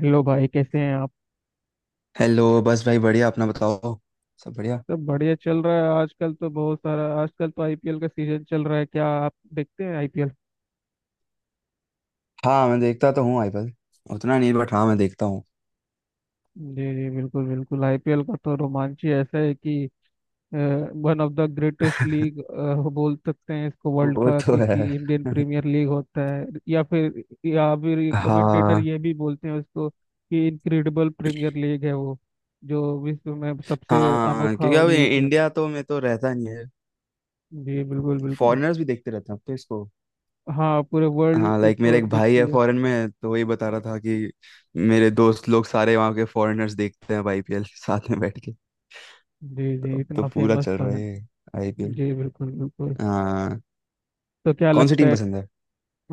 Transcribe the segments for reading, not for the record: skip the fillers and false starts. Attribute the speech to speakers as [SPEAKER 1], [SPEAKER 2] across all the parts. [SPEAKER 1] Hello भाई कैसे हैं आप।
[SPEAKER 2] हेलो। बस भाई बढ़िया। अपना बताओ। सब बढ़िया।
[SPEAKER 1] सब बढ़िया चल रहा है आजकल तो। बहुत सारा आजकल तो आईपीएल का सीजन चल रहा है, क्या आप देखते हैं आईपीएल?
[SPEAKER 2] हाँ, मैं देखता तो हूँ आईपीएल उतना नहीं, बट हाँ मैं देखता हूँ।
[SPEAKER 1] जी जी बिल्कुल बिल्कुल, आईपीएल का तो रोमांच ही ऐसा है कि one of the greatest league बोल सकते हैं इसको वर्ल्ड
[SPEAKER 2] वो
[SPEAKER 1] का,
[SPEAKER 2] तो
[SPEAKER 1] क्योंकि इंडियन
[SPEAKER 2] है।
[SPEAKER 1] प्रीमियर लीग होता है या फिर कमेंटेटर
[SPEAKER 2] हाँ।
[SPEAKER 1] ये भी बोलते हैं उसको कि इनक्रेडिबल प्रीमियर लीग है वो, जो विश्व में सबसे
[SPEAKER 2] हाँ,
[SPEAKER 1] अनोखा
[SPEAKER 2] क्योंकि अब
[SPEAKER 1] लीग है।
[SPEAKER 2] इंडिया तो में तो रहता नहीं है।
[SPEAKER 1] जी बिल्कुल बिल्कुल।
[SPEAKER 2] फॉरेनर्स भी देखते रहते हैं अब तो इसको।
[SPEAKER 1] हाँ पूरे वर्ल्ड
[SPEAKER 2] हाँ, लाइक मेरा
[SPEAKER 1] इसको
[SPEAKER 2] एक भाई
[SPEAKER 1] देखती
[SPEAKER 2] है
[SPEAKER 1] है।
[SPEAKER 2] फॉरेन में तो वही बता रहा था कि मेरे दोस्त लोग सारे वहाँ के फॉरेनर्स देखते हैं आईपीएल, साथ में बैठ के।
[SPEAKER 1] जी
[SPEAKER 2] तो
[SPEAKER 1] जी
[SPEAKER 2] अब तो
[SPEAKER 1] इतना
[SPEAKER 2] पूरा
[SPEAKER 1] फेमस
[SPEAKER 2] चल
[SPEAKER 1] तो
[SPEAKER 2] रहा
[SPEAKER 1] है।
[SPEAKER 2] है आईपीएल।
[SPEAKER 1] जी बिल्कुल बिल्कुल।
[SPEAKER 2] हाँ।
[SPEAKER 1] तो क्या
[SPEAKER 2] कौन सी
[SPEAKER 1] लगता
[SPEAKER 2] टीम
[SPEAKER 1] है
[SPEAKER 2] पसंद है?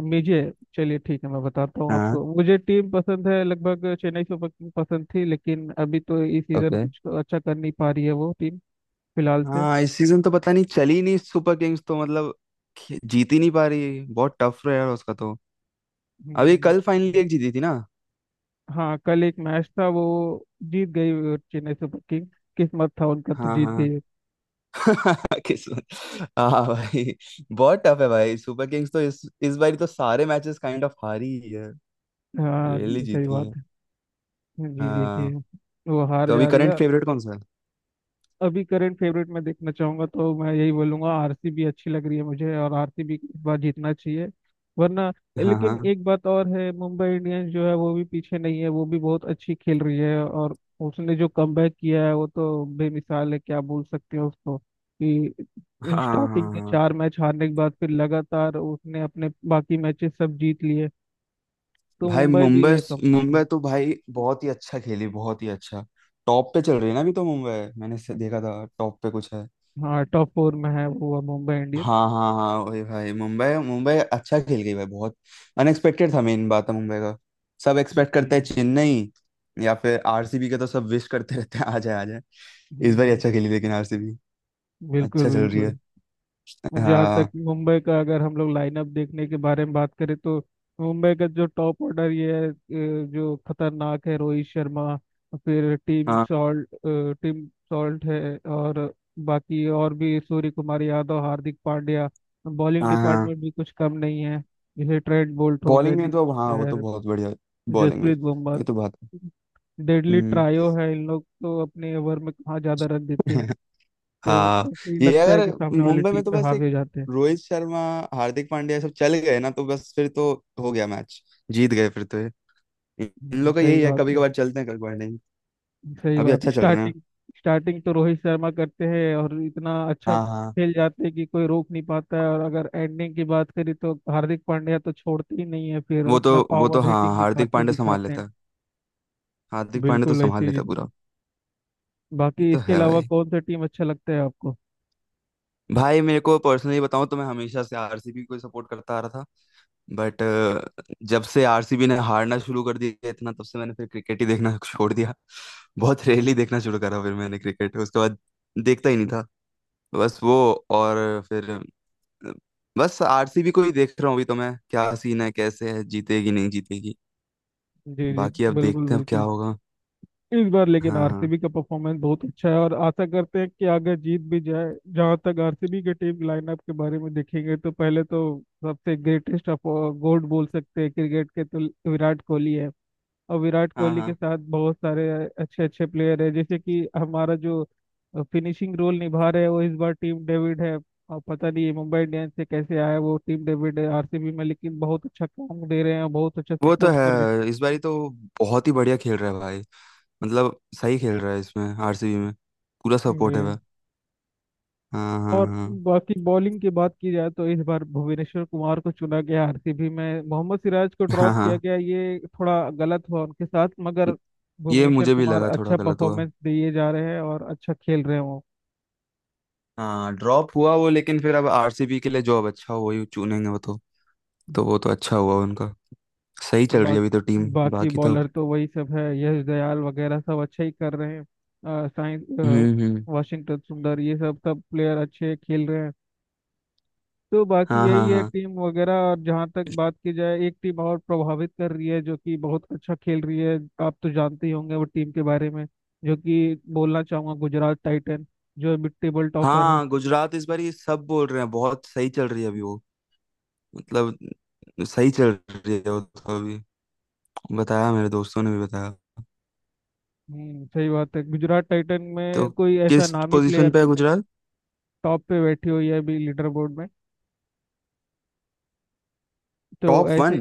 [SPEAKER 1] मुझे, चलिए ठीक है मैं बताता हूँ
[SPEAKER 2] हाँ।
[SPEAKER 1] आपको। मुझे टीम पसंद है लगभग चेन्नई सुपर किंग पसंद थी, लेकिन अभी तो इस सीजन
[SPEAKER 2] ओके।
[SPEAKER 1] कुछ अच्छा कर नहीं पा रही है वो टीम फिलहाल से।
[SPEAKER 2] हाँ, इस सीजन तो पता नहीं, चली नहीं सुपर किंग्स तो मतलब जीत ही नहीं पा रही, बहुत टफ रहा है उसका तो। अभी
[SPEAKER 1] हम्म,
[SPEAKER 2] कल फाइनली एक जीती थी ना।
[SPEAKER 1] हाँ कल एक मैच था वो, जीत गई चेन्नई सुपर किंग। किस्मत था उनका, तो
[SPEAKER 2] हाँ,
[SPEAKER 1] जीत
[SPEAKER 2] हाँ।
[SPEAKER 1] गई।
[SPEAKER 2] किस्मत। हाँ भाई। बहुत टफ है भाई, सुपर किंग्स तो इस बार तो सारे मैचेस काइंड ऑफ हारी ही है।
[SPEAKER 1] हाँ
[SPEAKER 2] रेयरली
[SPEAKER 1] जी सही
[SPEAKER 2] जीती है।
[SPEAKER 1] बात है। जी जी जी।
[SPEAKER 2] हाँ।
[SPEAKER 1] वो हार
[SPEAKER 2] तो
[SPEAKER 1] जा
[SPEAKER 2] अभी
[SPEAKER 1] रही
[SPEAKER 2] करंट
[SPEAKER 1] है।
[SPEAKER 2] फेवरेट कौन सा है?
[SPEAKER 1] अभी करंट फेवरेट में देखना चाहूंगा तो मैं यही बोलूंगा आरसीबी अच्छी लग रही है मुझे, और आरसीबी को इस बार जीतना चाहिए वरना।
[SPEAKER 2] हाँ,
[SPEAKER 1] लेकिन
[SPEAKER 2] हाँ,
[SPEAKER 1] एक बात और है, मुंबई इंडियंस जो है वो भी पीछे नहीं है, वो भी बहुत अच्छी खेल रही है। और उसने जो कमबैक किया है वो तो बेमिसाल है, क्या बोल सकते हैं उसको कि
[SPEAKER 2] हाँ,
[SPEAKER 1] स्टार्टिंग
[SPEAKER 2] हाँ,
[SPEAKER 1] के
[SPEAKER 2] हाँ।
[SPEAKER 1] चार मैच हारने के बाद फिर लगातार उसने अपने बाकी मैचेस सब जीत लिए। तो
[SPEAKER 2] भाई
[SPEAKER 1] मुंबई भी है कम।
[SPEAKER 2] मुंबई, मुंबई तो भाई बहुत ही अच्छा खेली, बहुत ही अच्छा। टॉप पे चल रही है ना अभी तो मुंबई। मैंने से देखा था टॉप पे कुछ है।
[SPEAKER 1] हाँ टॉप फोर में है वो मुंबई इंडियंस।
[SPEAKER 2] हाँ, हाँ, हाँ, वही भाई, मुंबई मुंबई अच्छा खेल गई भाई बहुत। अनएक्सपेक्टेड था, मेन बात है मुंबई का। सब एक्सपेक्ट
[SPEAKER 1] जी।
[SPEAKER 2] करते हैं चेन्नई या फिर आरसीबी का, तो सब विश करते रहते हैं आ जाए, आ जाए।
[SPEAKER 1] हम्म,
[SPEAKER 2] इस बार ही अच्छा
[SPEAKER 1] हम्म,
[SPEAKER 2] खेली लेकिन आरसीबी
[SPEAKER 1] बिल्कुल
[SPEAKER 2] अच्छा चल रही
[SPEAKER 1] बिल्कुल।
[SPEAKER 2] है।
[SPEAKER 1] और जहाँ तक
[SPEAKER 2] हाँ,
[SPEAKER 1] मुंबई का, अगर हम लोग लाइनअप देखने के बारे में बात करें तो मुंबई का जो टॉप ऑर्डर ये है जो खतरनाक है रोहित शर्मा, फिर टीम
[SPEAKER 2] हाँ,
[SPEAKER 1] सॉल्ट, टीम सॉल्ट है। और बाकी और भी सूर्य कुमार यादव, हार्दिक पांड्या। बॉलिंग
[SPEAKER 2] हाँ, हाँ।
[SPEAKER 1] डिपार्टमेंट भी कुछ कम नहीं है, जैसे ट्रेंट बोल्ट हो गए,
[SPEAKER 2] बॉलिंग में
[SPEAKER 1] दीप
[SPEAKER 2] तो हाँ वो तो
[SPEAKER 1] चहर,
[SPEAKER 2] बहुत बढ़िया बॉलिंग में।
[SPEAKER 1] जसप्रीत बुमराह।
[SPEAKER 2] ये तो बात है।
[SPEAKER 1] Deadly
[SPEAKER 2] hmm.
[SPEAKER 1] ट्रायो है, इन लोग तो अपने ओवर में कहाँ ज्यादा रन देते हैं। तो
[SPEAKER 2] हाँ।
[SPEAKER 1] ऐसे ही
[SPEAKER 2] ये
[SPEAKER 1] लगता है
[SPEAKER 2] अगर
[SPEAKER 1] कि सामने वाली
[SPEAKER 2] मुंबई
[SPEAKER 1] टीम
[SPEAKER 2] में तो
[SPEAKER 1] पे
[SPEAKER 2] बस
[SPEAKER 1] हावी
[SPEAKER 2] एक
[SPEAKER 1] हो जाते हैं।
[SPEAKER 2] रोहित शर्मा, हार्दिक पांड्या सब चल गए ना, तो बस फिर तो हो गया मैच, जीत गए फिर तो। इन लोग का
[SPEAKER 1] सही
[SPEAKER 2] यही है,
[SPEAKER 1] बात
[SPEAKER 2] कभी
[SPEAKER 1] है।
[SPEAKER 2] कभार चलते हैं कभी कभार नहीं।
[SPEAKER 1] सही
[SPEAKER 2] अभी
[SPEAKER 1] बात है।
[SPEAKER 2] अच्छा चल रहे हैं।
[SPEAKER 1] स्टार्टिंग स्टार्टिंग तो रोहित शर्मा करते हैं और इतना अच्छा
[SPEAKER 2] हाँ, हाँ,
[SPEAKER 1] खेल जाते हैं कि कोई रोक नहीं पाता है। और अगर एंडिंग की बात करें तो हार्दिक पांड्या तो छोड़ते ही नहीं है, फिर
[SPEAKER 2] वो तो
[SPEAKER 1] अपना
[SPEAKER 2] वो तो
[SPEAKER 1] पावर
[SPEAKER 2] हाँ
[SPEAKER 1] हिटिंग
[SPEAKER 2] हार्दिक
[SPEAKER 1] दिखाते
[SPEAKER 2] पांड्या संभाल
[SPEAKER 1] दिखाते
[SPEAKER 2] लेता
[SPEAKER 1] हैं।
[SPEAKER 2] है। हार्दिक पांड्या तो
[SPEAKER 1] बिल्कुल
[SPEAKER 2] संभाल
[SPEAKER 1] ऐसे ही।
[SPEAKER 2] लेता पूरा। ये
[SPEAKER 1] बाकी
[SPEAKER 2] तो
[SPEAKER 1] इसके
[SPEAKER 2] है
[SPEAKER 1] अलावा
[SPEAKER 2] भाई।
[SPEAKER 1] कौन सा टीम अच्छा लगता है आपको?
[SPEAKER 2] भाई मेरे को पर्सनली बताऊं तो मैं हमेशा से आरसीबी को सपोर्ट करता आ रहा था, बट जब से आरसीबी ने हारना शुरू कर दिया इतना, तब से मैंने फिर क्रिकेट ही देखना छोड़ दिया। बहुत रेयरली देखना शुरू करा फिर मैंने क्रिकेट, उसके बाद देखता ही नहीं था बस वो। और फिर बस आरसीबी को ही देख रहा हूँ अभी तो मैं, क्या सीन है कैसे है, जीतेगी नहीं जीतेगी।
[SPEAKER 1] जी जी
[SPEAKER 2] बाकी अब
[SPEAKER 1] बिल्कुल
[SPEAKER 2] देखते हैं अब क्या
[SPEAKER 1] बिल्कुल।
[SPEAKER 2] होगा।
[SPEAKER 1] इस बार लेकिन
[SPEAKER 2] हाँ, हाँ,
[SPEAKER 1] आरसीबी का परफॉर्मेंस बहुत अच्छा है, और आशा करते हैं कि अगर जीत भी जाए। जहां तक आरसीबी के टीम लाइनअप के बारे में देखेंगे, तो पहले तो सबसे ग्रेटेस्ट ऑफ गोल्ड बोल सकते हैं क्रिकेट के, तो विराट कोहली है। और विराट
[SPEAKER 2] हाँ,
[SPEAKER 1] कोहली के
[SPEAKER 2] हाँ।
[SPEAKER 1] साथ बहुत सारे अच्छे अच्छे प्लेयर है, जैसे कि हमारा जो फिनिशिंग रोल निभा रहे हैं वो इस बार टीम डेविड है। और पता नहीं ये मुंबई इंडियंस से कैसे आया वो टीम डेविड है आरसीबी में, लेकिन बहुत अच्छा काम दे रहे हैं और बहुत अच्छा
[SPEAKER 2] वो तो
[SPEAKER 1] सपोर्ट
[SPEAKER 2] है,
[SPEAKER 1] कर
[SPEAKER 2] इस बारी तो बहुत ही बढ़िया खेल रहा है भाई। मतलब सही खेल रहा है इसमें आरसीबी में। पूरा
[SPEAKER 1] रहे
[SPEAKER 2] सपोर्टिव है
[SPEAKER 1] हैं।
[SPEAKER 2] भाई। हाँ,
[SPEAKER 1] और
[SPEAKER 2] हाँ,
[SPEAKER 1] बाकी बॉलिंग की बात की जाए तो इस बार भुवनेश्वर कुमार को चुना गया आरसीबी में, मोहम्मद सिराज को
[SPEAKER 2] हाँ, हाँ,
[SPEAKER 1] ड्रॉप किया
[SPEAKER 2] हाँ।
[SPEAKER 1] गया, ये थोड़ा गलत हुआ उनके साथ, मगर
[SPEAKER 2] ये
[SPEAKER 1] भुवनेश्वर
[SPEAKER 2] मुझे भी
[SPEAKER 1] कुमार
[SPEAKER 2] लगा थोड़ा
[SPEAKER 1] अच्छा
[SPEAKER 2] गलत हुआ।
[SPEAKER 1] परफॉर्मेंस दिए जा रहे हैं और अच्छा खेल रहे हैं वो।
[SPEAKER 2] हाँ, ड्रॉप हुआ वो लेकिन फिर अब आरसीबी के लिए जो अब अच्छा हुआ ही चुनेंगे वो तो। तो वो तो अच्छा हुआ उनका। सही चल रही है अभी
[SPEAKER 1] बाकी
[SPEAKER 2] तो टीम,
[SPEAKER 1] बाकी
[SPEAKER 2] बाकी तो।
[SPEAKER 1] बॉलर तो वही सब है, यश दयाल वगैरह सब अच्छा ही कर रहे हैं। साइंस
[SPEAKER 2] हम्म, हम्म।
[SPEAKER 1] वाशिंगटन सुंदर, ये सब सब प्लेयर अच्छे खेल रहे हैं। तो बाकी
[SPEAKER 2] हाँ,
[SPEAKER 1] यही
[SPEAKER 2] हाँ,
[SPEAKER 1] है
[SPEAKER 2] हाँ,
[SPEAKER 1] टीम वगैरह। और जहाँ तक बात की जाए, एक टीम और प्रभावित कर रही है, जो कि बहुत अच्छा खेल रही है। आप तो जानते ही होंगे वो टीम के बारे में, जो कि बोलना चाहूंगा गुजरात टाइटन, जो अभी टेबल टॉपर है।
[SPEAKER 2] हाँ। गुजरात इस बार ये सब बोल रहे हैं, बहुत सही चल रही है अभी वो। मतलब सही चल रही है वो तो अभी, बताया, मेरे दोस्तों ने भी बताया।
[SPEAKER 1] सही बात है, गुजरात टाइटन
[SPEAKER 2] तो
[SPEAKER 1] में कोई ऐसा
[SPEAKER 2] किस
[SPEAKER 1] नामी
[SPEAKER 2] पोजीशन
[SPEAKER 1] प्लेयर
[SPEAKER 2] पे है
[SPEAKER 1] तो नहीं।
[SPEAKER 2] गुजरात?
[SPEAKER 1] टॉप पे बैठी हुई है अभी लीडर बोर्ड में, तो
[SPEAKER 2] टॉप
[SPEAKER 1] ऐसे।
[SPEAKER 2] वन?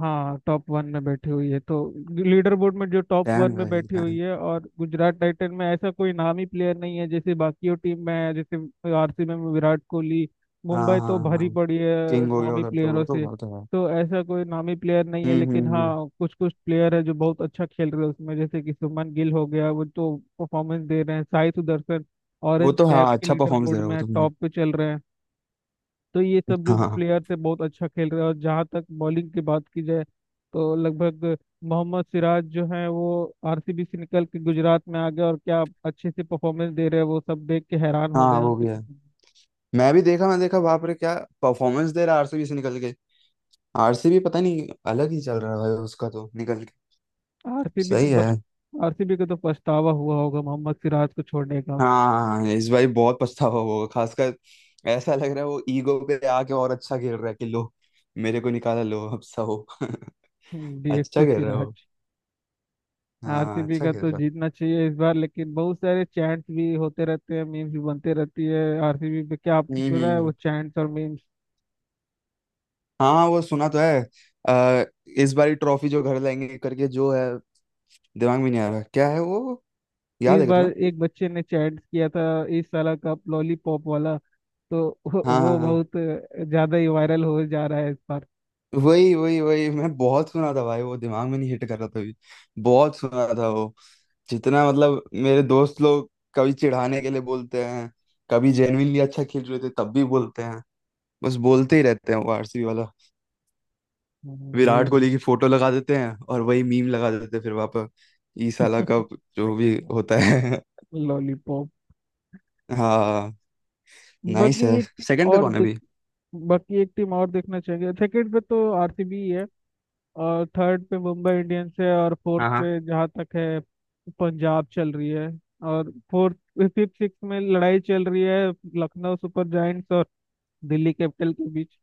[SPEAKER 1] हाँ टॉप वन में बैठी हुई है, तो लीडर बोर्ड में जो टॉप वन
[SPEAKER 2] डैम
[SPEAKER 1] में
[SPEAKER 2] भाई
[SPEAKER 1] बैठी हुई
[SPEAKER 2] डैम।
[SPEAKER 1] है। और गुजरात टाइटन में ऐसा कोई नामी प्लेयर नहीं है जैसे बाकी टीम में है, जैसे आरसीबी में विराट कोहली,
[SPEAKER 2] हाँ,
[SPEAKER 1] मुंबई
[SPEAKER 2] हाँ,
[SPEAKER 1] तो भरी
[SPEAKER 2] हाँ,
[SPEAKER 1] पड़ी है
[SPEAKER 2] किंग हो गया
[SPEAKER 1] नामी
[SPEAKER 2] उधर तो वो
[SPEAKER 1] प्लेयरों
[SPEAKER 2] तो
[SPEAKER 1] से।
[SPEAKER 2] बहुत है।
[SPEAKER 1] तो ऐसा कोई नामी प्लेयर नहीं है,
[SPEAKER 2] हम्म, हम्म,
[SPEAKER 1] लेकिन हाँ कुछ कुछ प्लेयर है जो बहुत अच्छा खेल रहे हैं उसमें, जैसे कि सुमन गिल हो गया, वो तो परफॉर्मेंस दे रहे हैं। साई सुदर्शन
[SPEAKER 2] वो
[SPEAKER 1] ऑरेंज
[SPEAKER 2] तो हाँ
[SPEAKER 1] कैप के
[SPEAKER 2] अच्छा
[SPEAKER 1] लीडर
[SPEAKER 2] परफॉर्मेंस दे
[SPEAKER 1] बोर्ड
[SPEAKER 2] रहा है वो
[SPEAKER 1] में
[SPEAKER 2] तो।
[SPEAKER 1] टॉप पे चल रहे हैं। तो ये सब जो
[SPEAKER 2] हाँ, हाँ
[SPEAKER 1] प्लेयर थे बहुत अच्छा खेल रहे हैं। और जहाँ तक बॉलिंग की बात की जाए तो लगभग मोहम्मद सिराज जो है वो आरसीबी से निकल के गुजरात में आ गए, और क्या अच्छे से परफॉर्मेंस दे रहे हैं, वो सब देख के हैरान हो गए
[SPEAKER 2] हाँ,
[SPEAKER 1] हैं
[SPEAKER 2] वो
[SPEAKER 1] उनके
[SPEAKER 2] भी है।
[SPEAKER 1] परफॉर्मेंस।
[SPEAKER 2] मैं भी देखा, मैं देखा, बाप रे, क्या परफॉर्मेंस दे रहा है आरसीबी से निकल के। आरसीबी पता नहीं, अलग ही चल रहा है भाई उसका तो निकल के।
[SPEAKER 1] आरसीबी तो
[SPEAKER 2] सही है।
[SPEAKER 1] बस, आरसीबी का तो पछतावा हुआ होगा मोहम्मद सिराज को छोड़ने का।
[SPEAKER 2] हाँ, इस भाई बहुत पछतावा होगा खासकर। ऐसा लग रहा है वो ईगो पे आके और अच्छा खेल रहा है कि लो, मेरे को निकाला, लो अब सहो। अच्छा
[SPEAKER 1] डीएसपी
[SPEAKER 2] खेल रहा
[SPEAKER 1] सिराज।
[SPEAKER 2] हो। हाँ,
[SPEAKER 1] आरसीबी
[SPEAKER 2] अच्छा
[SPEAKER 1] का
[SPEAKER 2] खेल
[SPEAKER 1] तो
[SPEAKER 2] रहा है।
[SPEAKER 1] जीतना चाहिए इस बार, लेकिन बहुत सारे चैंट्स भी होते रहते हैं, मीम्स भी बनते रहती है आरसीबी पे। क्या
[SPEAKER 2] हम्म,
[SPEAKER 1] आपने सुना
[SPEAKER 2] हम्म,
[SPEAKER 1] है वो चैंट्स और मीम्स?
[SPEAKER 2] हाँ, वो सुना तो है। आ, इस बारी ट्रॉफी जो घर लाएंगे करके जो है, दिमाग में नहीं आ रहा क्या है वो। याद
[SPEAKER 1] इस
[SPEAKER 2] है क्या
[SPEAKER 1] बार
[SPEAKER 2] तुम्हें?
[SPEAKER 1] एक बच्चे ने चैट किया था, इस साल का लॉलीपॉप वाला। तो वो
[SPEAKER 2] हाँ, हाँ,
[SPEAKER 1] वो
[SPEAKER 2] हाँ,
[SPEAKER 1] बहुत ज्यादा ही वायरल हो जा रहा है इस बार।
[SPEAKER 2] वही, वही, वही, मैं बहुत सुना था भाई, वो दिमाग में नहीं हिट कर रहा था अभी। बहुत सुना था वो। जितना मतलब मेरे दोस्त लोग कभी चिढ़ाने के लिए बोलते हैं, कभी जेन्युइनली अच्छा खेल रहे थे तब भी बोलते हैं, बस बोलते ही रहते हैं वो आरसीबी वाला।
[SPEAKER 1] ये
[SPEAKER 2] विराट
[SPEAKER 1] बिल्कुल
[SPEAKER 2] कोहली की फोटो लगा देते हैं और वही मीम लगा देते हैं फिर वापस। ई साला का जो भी होता है।
[SPEAKER 1] लॉलीपॉप।
[SPEAKER 2] हाँ। नाइस
[SPEAKER 1] बाकी
[SPEAKER 2] है।
[SPEAKER 1] एक टीम
[SPEAKER 2] सेकंड पे
[SPEAKER 1] और
[SPEAKER 2] कौन है
[SPEAKER 1] देख
[SPEAKER 2] अभी?
[SPEAKER 1] बाकी एक टीम और देखना चाहिए। सेकंड पे तो आरसीबी है, और थर्ड पे मुंबई इंडियंस है, और फोर्थ
[SPEAKER 2] हाँ, हाँ।
[SPEAKER 1] पे जहाँ तक है पंजाब चल रही है। और फोर्थ, फिफ्थ, सिक्स में लड़ाई चल रही है लखनऊ सुपर जायंट्स और दिल्ली कैपिटल के बीच।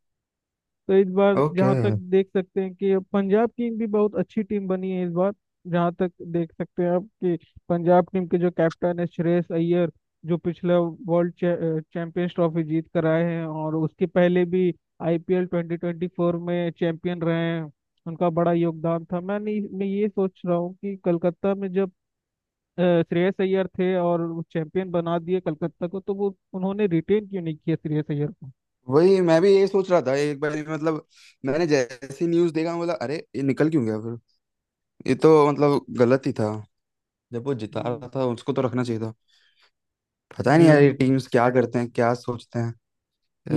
[SPEAKER 1] तो इस बार
[SPEAKER 2] ओके।
[SPEAKER 1] जहाँ तक देख सकते हैं कि पंजाब टीम भी बहुत अच्छी टीम बनी है इस बार। जहाँ तक देख सकते हैं आप कि पंजाब टीम के जो कैप्टन है श्रेयस अय्यर, जो पिछला वर्ल्ड चैंपियंस ट्रॉफी जीत कर आए हैं, और उसके पहले भी आईपीएल 2024 में चैंपियन रहे हैं, उनका बड़ा योगदान था। मैं नहीं, मैं ये सोच रहा हूँ कि कलकत्ता में जब श्रेयस अय्यर थे और वो चैंपियन बना दिए कलकत्ता को, तो वो उन्होंने रिटेन क्यों नहीं किया श्रेयस अय्यर को?
[SPEAKER 2] वही मैं भी यही सोच रहा था एक बार मतलब। मैंने जैसी न्यूज देखा मैं बोला, अरे, ये निकल क्यों गया? ये तो मतलब गलत ही था। जब वो जिता
[SPEAKER 1] हम्म,
[SPEAKER 2] रहा था उसको तो रखना चाहिए था। पता ही नहीं
[SPEAKER 1] जी
[SPEAKER 2] यार, ये
[SPEAKER 1] बिल्कुल।
[SPEAKER 2] टीम्स क्या करते हैं, क्या सोचते हैं।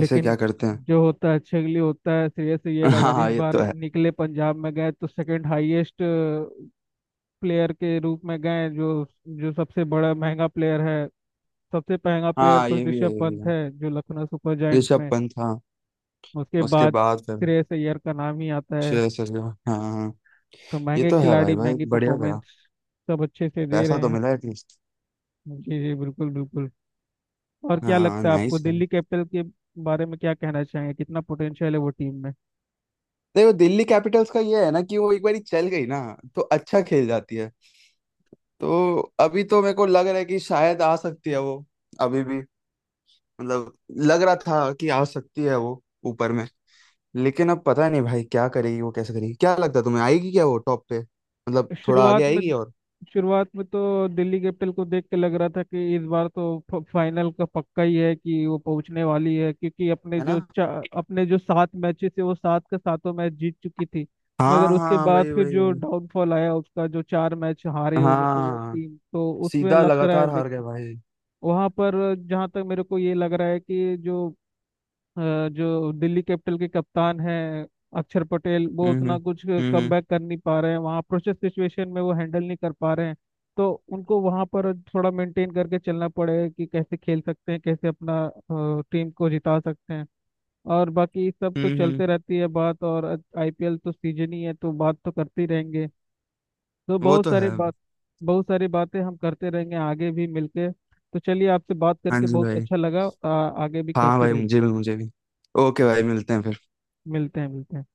[SPEAKER 2] ऐसे क्या करते हैं।
[SPEAKER 1] जो होता है छेगली होता है। श्रेयस अय्यर
[SPEAKER 2] हाँ,
[SPEAKER 1] अगर
[SPEAKER 2] हाँ,
[SPEAKER 1] इस
[SPEAKER 2] ये तो
[SPEAKER 1] बार
[SPEAKER 2] है।
[SPEAKER 1] निकले पंजाब में गए, तो सेकंड हाईएस्ट प्लेयर के रूप में गए, जो जो सबसे बड़ा महंगा प्लेयर है। सबसे महंगा प्लेयर
[SPEAKER 2] हाँ,
[SPEAKER 1] तो
[SPEAKER 2] ये भी है,
[SPEAKER 1] ऋषभ
[SPEAKER 2] ये भी
[SPEAKER 1] पंत
[SPEAKER 2] है।
[SPEAKER 1] है जो लखनऊ सुपर जायंट्स
[SPEAKER 2] ऋषभ
[SPEAKER 1] में,
[SPEAKER 2] पंत, हाँ।
[SPEAKER 1] उसके
[SPEAKER 2] उसके
[SPEAKER 1] बाद
[SPEAKER 2] बाद फिर।
[SPEAKER 1] श्रेयस अय्यर का नाम ही आता है।
[SPEAKER 2] श्रेयस अय्यर। हाँ, हाँ,
[SPEAKER 1] तो
[SPEAKER 2] ये
[SPEAKER 1] महंगे
[SPEAKER 2] तो है भाई।
[SPEAKER 1] खिलाड़ी
[SPEAKER 2] भाई
[SPEAKER 1] महंगी
[SPEAKER 2] बढ़िया
[SPEAKER 1] परफॉर्मेंस
[SPEAKER 2] गया।
[SPEAKER 1] सब अच्छे से दे रहे
[SPEAKER 2] पैसा तो
[SPEAKER 1] हैं।
[SPEAKER 2] मिला एटलीस्ट।
[SPEAKER 1] जी जी बिल्कुल बिल्कुल। और क्या
[SPEAKER 2] हाँ,
[SPEAKER 1] लगता है आपको
[SPEAKER 2] नाइस है।
[SPEAKER 1] दिल्ली कैपिटल के बारे में, क्या कहना चाहेंगे, कितना पोटेंशियल है वो टीम में?
[SPEAKER 2] देखो, दिल्ली कैपिटल्स का ये है ना कि वो एक बार चल गई ना तो अच्छा खेल जाती है। तो अभी तो मेरे को लग रहा है कि शायद आ सकती है वो अभी भी। मतलब लग रहा था कि आ सकती है वो ऊपर में। लेकिन अब पता नहीं भाई क्या करेगी वो, कैसे करेगी, क्या लगता है तुम्हें, आएगी क्या वो टॉप पे, मतलब थोड़ा आगे
[SPEAKER 1] शुरुआत में
[SPEAKER 2] आएगी? और
[SPEAKER 1] शुरुआत में तो दिल्ली कैपिटल को देख के लग रहा था कि इस बार तो फाइनल का पक्का ही है कि वो पहुंचने वाली है, क्योंकि अपने
[SPEAKER 2] है ना।
[SPEAKER 1] जो अपने जो सात मैचेस है वो सात के सातों मैच जीत चुकी थी। मगर
[SPEAKER 2] हाँ,
[SPEAKER 1] उसके
[SPEAKER 2] हाँ, वही,
[SPEAKER 1] बाद फिर
[SPEAKER 2] वही,
[SPEAKER 1] जो
[SPEAKER 2] वही।
[SPEAKER 1] डाउनफॉल आया उसका, जो चार मैच हारे वो
[SPEAKER 2] हाँ,
[SPEAKER 1] टीम तो उसमें
[SPEAKER 2] सीधा
[SPEAKER 1] लग रहा है
[SPEAKER 2] लगातार
[SPEAKER 1] देख
[SPEAKER 2] हार गए भाई।
[SPEAKER 1] वहां पर। जहां तक मेरे को ये लग रहा है कि जो दिल्ली कैपिटल के कप्तान हैं अक्षर पटेल, वो
[SPEAKER 2] हम्म,
[SPEAKER 1] उतना
[SPEAKER 2] हम्म,
[SPEAKER 1] कुछ कम
[SPEAKER 2] हम्म,
[SPEAKER 1] बैक कर नहीं पा रहे हैं, वहाँ प्रेशर सिचुएशन में वो हैंडल नहीं कर पा रहे हैं। तो उनको वहाँ पर थोड़ा मेंटेन करके चलना पड़ेगा कि कैसे खेल सकते हैं, कैसे अपना टीम को जिता सकते हैं। और बाकी सब तो
[SPEAKER 2] हम्म, हम्म।
[SPEAKER 1] चलते रहती है बात, और आईपीएल तो सीजन ही है तो बात तो करते ही रहेंगे। तो
[SPEAKER 2] वो
[SPEAKER 1] बहुत
[SPEAKER 2] तो
[SPEAKER 1] सारी
[SPEAKER 2] है।
[SPEAKER 1] बात बहुत सारी बातें हम करते रहेंगे आगे भी मिलके। तो चलिए, आपसे बात
[SPEAKER 2] हाँ
[SPEAKER 1] करके
[SPEAKER 2] जी
[SPEAKER 1] बहुत
[SPEAKER 2] भाई।
[SPEAKER 1] अच्छा लगा। आगे भी
[SPEAKER 2] हाँ
[SPEAKER 1] करते
[SPEAKER 2] भाई,
[SPEAKER 1] रहेंगे।
[SPEAKER 2] मुझे भी, मुझे भी। ओके भाई, मिलते हैं फिर।
[SPEAKER 1] मिलते हैं मिलते हैं।